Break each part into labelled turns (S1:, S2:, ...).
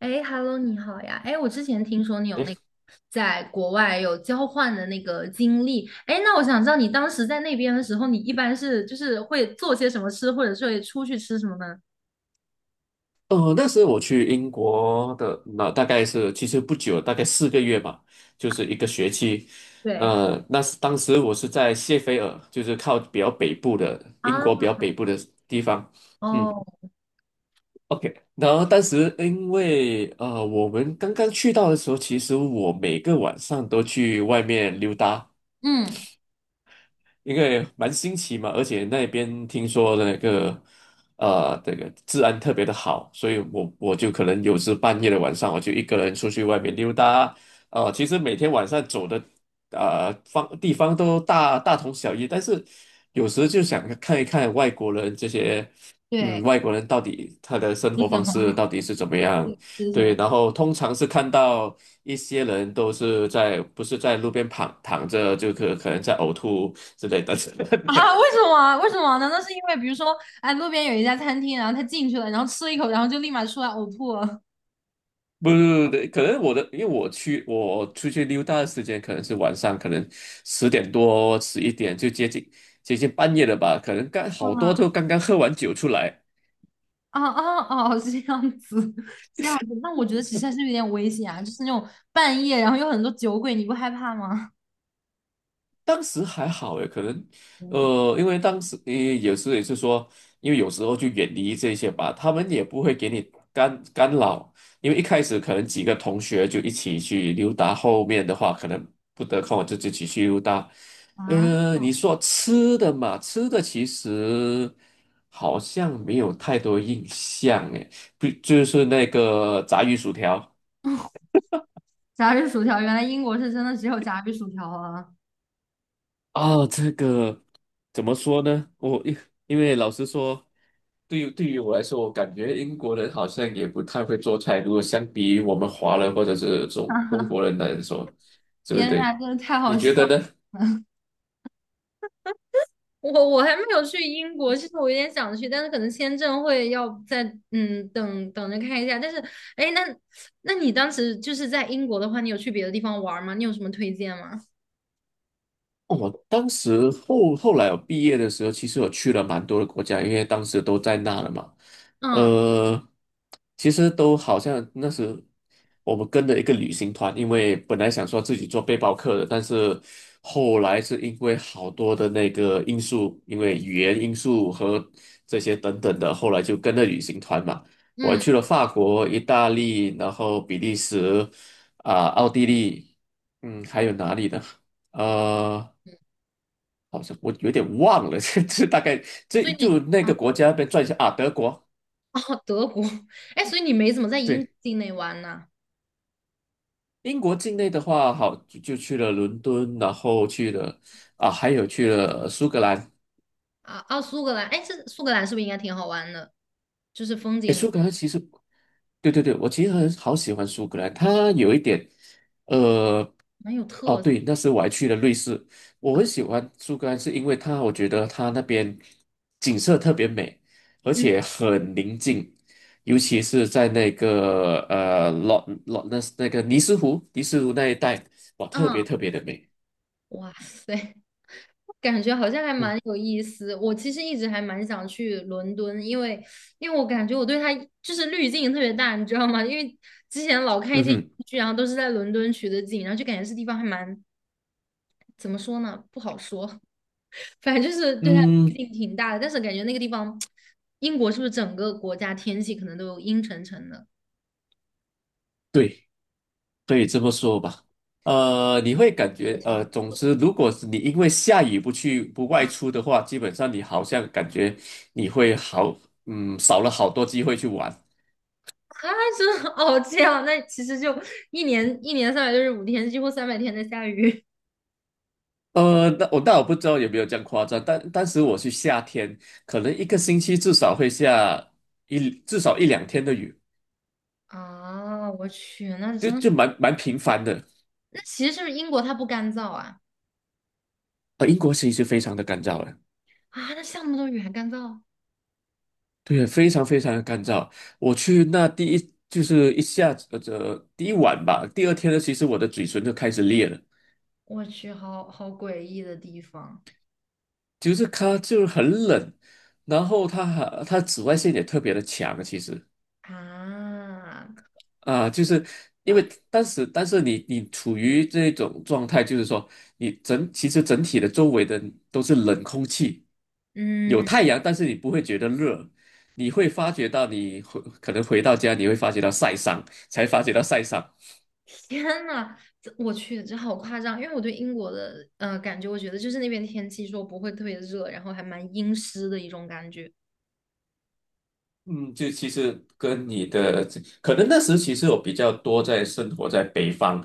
S1: 哎，Hello，你好呀！哎，我之前听说你有
S2: 诶，
S1: 那个在国外有交换的那个经历，哎，那我想知道你当时在那边的时候，你一般就是会做些什么吃，或者是会出去吃什么呢？
S2: 那时候我去英国的，那大概是其实不久，大概4个月吧，就是一个学期。
S1: 对
S2: 那是当时我是在谢菲尔，就是靠比较北部的英
S1: 啊。
S2: 国比较北部的地方。嗯
S1: 哦。
S2: ，OK。然后当时因为我们刚刚去到的时候，其实我每个晚上都去外面溜达，
S1: 嗯。
S2: 因为蛮新奇嘛，而且那边听说那个这个治安特别的好，所以我就可能有时半夜的晚上，我就一个人出去外面溜达。其实每天晚上走的地方都大同小异，但是有时就想看一看外国人这些，
S1: 对，
S2: 外国人到底他的生
S1: 是
S2: 活
S1: 什
S2: 方
S1: 么？
S2: 式 到底是怎么样，
S1: 对，是什
S2: 对，
S1: 么？
S2: 然后通常是看到一些人都是不是在路边躺着，就可能在呕吐之类的。
S1: 啊？为什么啊,为什么？难道是因为比如说，哎，路边有一家餐厅，然后他进去了，然后吃了一口，然后就立马出来呕吐了？
S2: 不不不，可能我的，因为我出去溜达的时间可能是晚上，可能10点多11点就接近半夜了吧，可能刚好多
S1: 哇。
S2: 都刚刚喝完酒出来。
S1: 哦哦。哦，是这样子，这样子。那我觉得其实还是有点危险啊，就是那种半夜，然后有很多酒鬼，你不害怕吗？
S2: 当时还好诶，可能，
S1: 天呐。
S2: 因为当时你有时也是说，因为有时候就远离这些吧，他们也不会给你干扰，因为一开始可能几个同学就一起去溜达，后面的话可能不得空就自己去溜达。
S1: 啊，
S2: 你说吃的嘛，吃的其实好像没有太多印象诶，不就是那个炸鱼薯条。
S1: 炸鱼薯条，原来英国是真的只有炸鱼薯条啊！
S2: 哦，这个怎么说呢？因为老实说，对于我来说，我感觉英国人好像也不太会做菜。如果相比于我们华人或者是中中国 人来说，对不
S1: 天呐，
S2: 对？
S1: 真的太
S2: 你
S1: 好
S2: 觉
S1: 笑
S2: 得
S1: 了。
S2: 呢？
S1: 我还没有去英国，其实我有点想去，但是可能签证会要在。嗯，等等着看一下。但是，哎，那你当时就是在英国的话，你有去别的地方玩儿吗？你有什么推荐吗？
S2: 我当时后后来我毕业的时候，其实我去了蛮多的国家，因为当时都在那了嘛。
S1: 嗯。
S2: 呃，其实都好像那时我们跟着一个旅行团，因为本来想说自己做背包客的，但是后来是因为好多的那个因素，因为语言因素和这些等等的，后来就跟着旅行团嘛。我还
S1: 嗯，
S2: 去了法国、意大利，然后比利时，奥地利，还有哪里呢？呃，好像我有点忘了，大概
S1: 所以
S2: 就
S1: 你。
S2: 那个国家边转一下啊，德国。
S1: 哦，德国，哎，所以你没怎么在英国
S2: 对，
S1: 境内玩呢？
S2: 英国境内的话，好就去了伦敦，然后去了啊，还有去了苏格兰，
S1: 啊。啊，苏格兰，哎，这苏格兰是不是应该挺好玩的？就是风
S2: 诶，
S1: 景很
S2: 苏格兰其实，对对对，我其实很好喜欢苏格兰，它有一点，呃，
S1: 蛮有
S2: 哦
S1: 特色
S2: 对，那时我还去了瑞士，我
S1: 啊。
S2: 很喜欢苏格兰，是因为它，我觉得它那边景色特别美，而
S1: 嗯。
S2: 且很宁静，尤其是在那个呃老老那那个尼斯湖，尼斯湖那一带，哇，特
S1: 嗯，
S2: 别特别的美。
S1: 哇塞，感觉好像还
S2: 嗯，
S1: 蛮有意思。我其实一直还蛮想去伦敦，因为因为我感觉我对它就是滤镜特别大，你知道吗？因为之前老看一
S2: 嗯
S1: 些英
S2: 哼，
S1: 剧，然后都是在伦敦取的景，然后就感觉这地方还蛮怎么说呢，不好说。反正就是对他批
S2: 嗯，
S1: 评挺大的，但是感觉那个地方，英国是不是整个国家天气可能都阴沉沉的
S2: 对。可以这么说吧，你会感觉，总之，如果是你因为下雨不外出的话，基本上你好像感觉你会好，少了好多机会去玩。
S1: 啊？真的哦，这样，那其实就一年365天，几乎三百天在下雨。
S2: 那我不知道有没有这样夸张，但当时我去夏天，可能一个星期至少会下至少一两天的雨，
S1: 啊！我去，那
S2: 就
S1: 真。
S2: 就蛮蛮频繁的。
S1: 那其实是不是英国它不干燥啊？
S2: 英国其实非常的干燥的。
S1: 啊，那下那么多雨还干燥？
S2: 对，非常非常的干燥。我去那第一就是一下子第一晚吧，第二天呢，其实我的嘴唇就开始裂了，
S1: 我去，好，好诡异的地方
S2: 就是它就是很冷，然后它紫外线也特别的强啊，其实
S1: 啊！
S2: 啊，就是因为
S1: 吧。
S2: 当时但是你处于这种状态，就是说你其实整体的周围的都是冷空气，有
S1: 嗯。
S2: 太阳，但是你不会觉得热。你会发觉到你可能回到家，你会发觉到晒伤，才发觉到晒伤。
S1: 天呐，这我去，这好夸张！因为我对英国的感觉，我觉得就是那边天气说不会特别热，然后还蛮阴湿的一种感觉
S2: 嗯，就其实跟你的可能那时其实我比较多在生活在北方，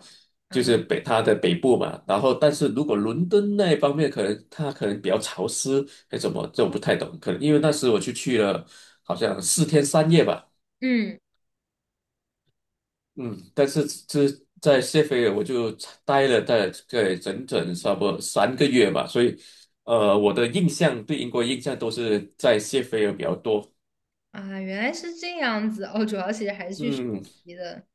S2: 就是
S1: 啊。
S2: 他的北部嘛。然后，但是如果伦敦那一方面，可能他可能比较潮湿，还怎么这我不太懂。可能因为那时我去了好像4天3夜吧，
S1: 嗯。
S2: 嗯，但是这在谢菲尔我就待了大概整整差不多3个月吧，所以我的印象对英国印象都是在谢菲尔比较多。
S1: 啊，原来是这样子哦，主要其实还是去学
S2: 嗯，
S1: 习的，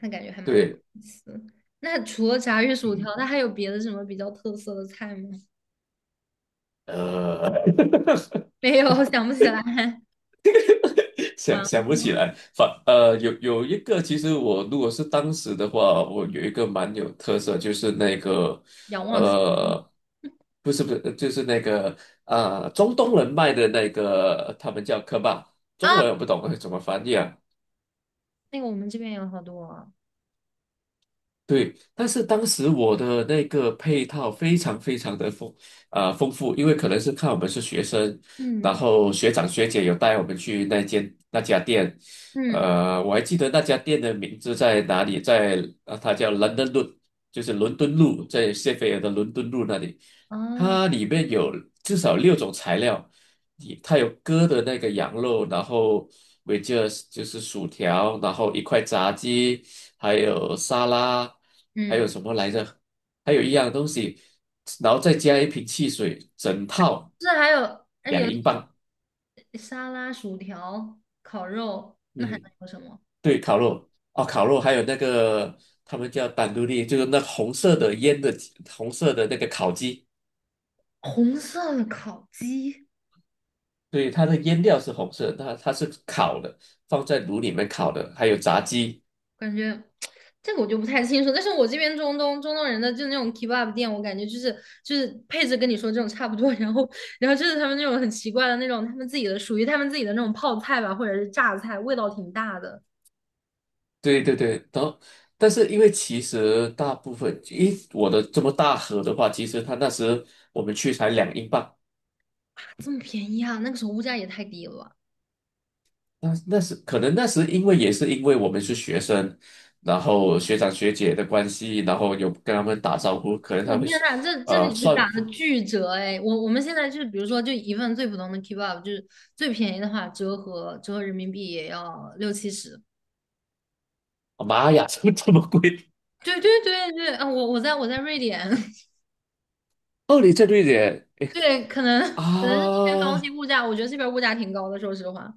S1: 那感觉还蛮有
S2: 对。
S1: 意思。那除了炸鱼薯
S2: 嗯。
S1: 条，那还有别的什么比较特色的菜吗？
S2: 呃，
S1: 没有，想不起来。
S2: 想
S1: 啊，
S2: 想不起来，有一个，其实我如果是当时的话，我有一个蛮有特色，就是那个
S1: 仰望星空
S2: 呃，不是不是，就是那个中东人卖的那个，他们叫科巴，
S1: 啊，
S2: 中文我不懂怎么翻译啊，
S1: 那个我们这边有好多啊。
S2: 对，但是当时我的那个配套非常非常的丰富，因为可能是看我们是学生，然
S1: 嗯。
S2: 后学长学姐有带我们去那家店，
S1: 嗯。
S2: 我还记得那家店的名字在哪里，它叫 London Road，就是伦敦路，在谢菲尔的伦敦路那里，
S1: 啊。
S2: 它里面有至少六种材料，也它有割的那个羊肉，然后 就着就是薯条，然后一块炸鸡，还有沙拉，还有
S1: 嗯，
S2: 什么来着？还有一样东西，然后再加一瓶汽水，整套
S1: 就是还有。哎，有
S2: 两英镑。
S1: 沙拉、薯条、烤肉，那还能
S2: 嗯，
S1: 有什么？
S2: 对，烤肉哦，烤肉还有那个他们叫丹都利，就是那红色的腌的红色的那个烤鸡。
S1: 红色的烤鸡，
S2: 对，它的腌料是红色，它是烤的，放在炉里面烤的，还有炸鸡。
S1: 感觉 这个我就不太清楚。但是我这边中东人的就那种 kebab 店，我感觉就是就是配置跟你说这种差不多，然后然后就是他们那种很奇怪的那种他们自己的属于他们自己的那种泡菜吧，或者是榨菜，味道挺大的。
S2: 对对对，然后但是因为其实大部分，因为我的这么大盒的话，其实他那时我们去才两英镑，
S1: 这么便宜啊？那个时候物价也太低了吧。
S2: 那时因为也是因为我们是学生，然后学长学姐的关系，然后有跟他们打招呼，可能
S1: 我
S2: 他
S1: 天
S2: 会
S1: 呐，这这里是
S2: 算，
S1: 打的巨折哎！我们现在就是，比如说，就一份最普通的 kebab，就是最便宜的话，折合人民币也要60、70。
S2: 妈呀，怎么这么贵？
S1: 对对对对，啊，我在瑞典，
S2: 哦，你在瑞典
S1: 对，可能。可能是这边东西
S2: 啊？
S1: 物价，我觉得这边物价挺高的，说实话，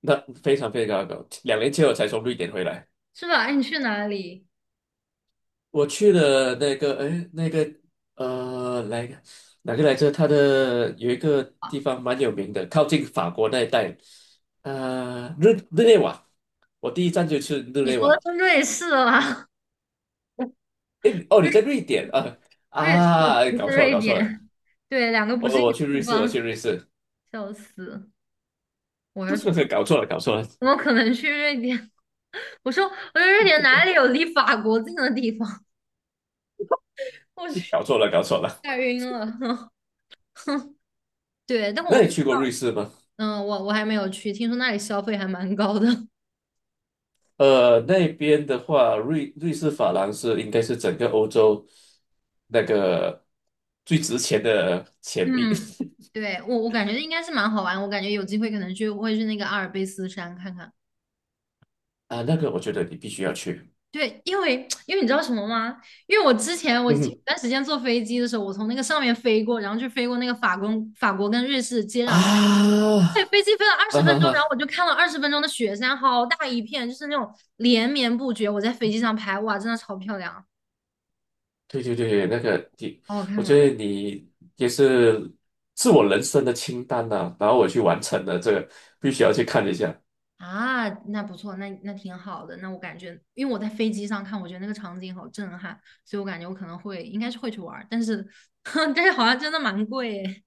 S2: 那非常非常高，2年前我才从瑞典回来。
S1: 是吧？哎，你去哪里
S2: 我去了那个，哎，那个，呃，来哪个来着？它的有一个地
S1: 啊？
S2: 方蛮有名的，靠近法国那一带，日内瓦。我第一站就去日
S1: 你
S2: 内
S1: 说的
S2: 瓦。
S1: 是瑞士啦，
S2: 哎，哦，你在
S1: 瑞
S2: 瑞典啊？
S1: 瑞士
S2: 啊，哎
S1: 不是
S2: 搞错了，
S1: 瑞
S2: 搞错了。
S1: 典，对，两个不是一
S2: 我去
S1: 个
S2: 瑞
S1: 地
S2: 士，我去
S1: 方，
S2: 瑞士，
S1: 笑死！我还说
S2: 搞错了，搞错了，
S1: 怎么可能去瑞典？我说，我说瑞典哪里有离法国近的地方？我去，
S2: 搞错了，搞错了，搞错了。
S1: 吓晕了。对，但
S2: 那你
S1: 我。
S2: 去过瑞士吗？
S1: 嗯，我还没有去，听说那里消费还蛮高的。
S2: 那边的话，瑞士法郎是应该是整个欧洲那个最值钱的钱币
S1: 嗯，对，我感觉应该是蛮好玩，我感觉有机会可能去会去那个阿尔卑斯山看看。
S2: 啊，那个我觉得你必须要去。
S1: 对，因为 因为你知道什么吗？因为我
S2: 嗯
S1: 前
S2: 哼
S1: 段时间坐飞机的时候，我从那个上面飞过，然后就飞过那个法国跟瑞士接壤那个。
S2: 啊
S1: 在飞机飞了二
S2: 啊
S1: 十分
S2: 哈
S1: 钟，然后
S2: 哈，
S1: 我就看了二十分钟的雪山，好大一片，就是那种连绵不绝。我在飞机上拍，哇，真的超漂亮，
S2: 对对对，那个你，
S1: 好，好
S2: 我
S1: 看
S2: 觉
S1: 啊！
S2: 得你也是我人生的清单呐、然后我去完成了这个，必须要去看一下。
S1: 啊，那不错，那那挺好的。那我感觉，因为我在飞机上看，我觉得那个场景好震撼，所以我感觉我可能会，应该是会去玩儿，但是 但是好像真的蛮贵诶。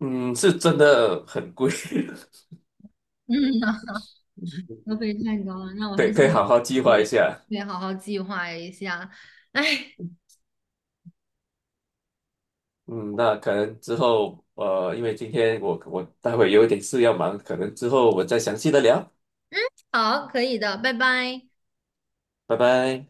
S2: 嗯，是真的很贵，
S1: 嗯呐，消费太高了，那我
S2: 可
S1: 还
S2: 以
S1: 是
S2: 可以好好计
S1: 对，
S2: 划一下。
S1: 对好好计划一下。哎，
S2: 嗯，那可能之后，因为今天我待会有一点事要忙，可能之后我再详细的聊，
S1: 好，可以的，拜拜。
S2: 拜拜。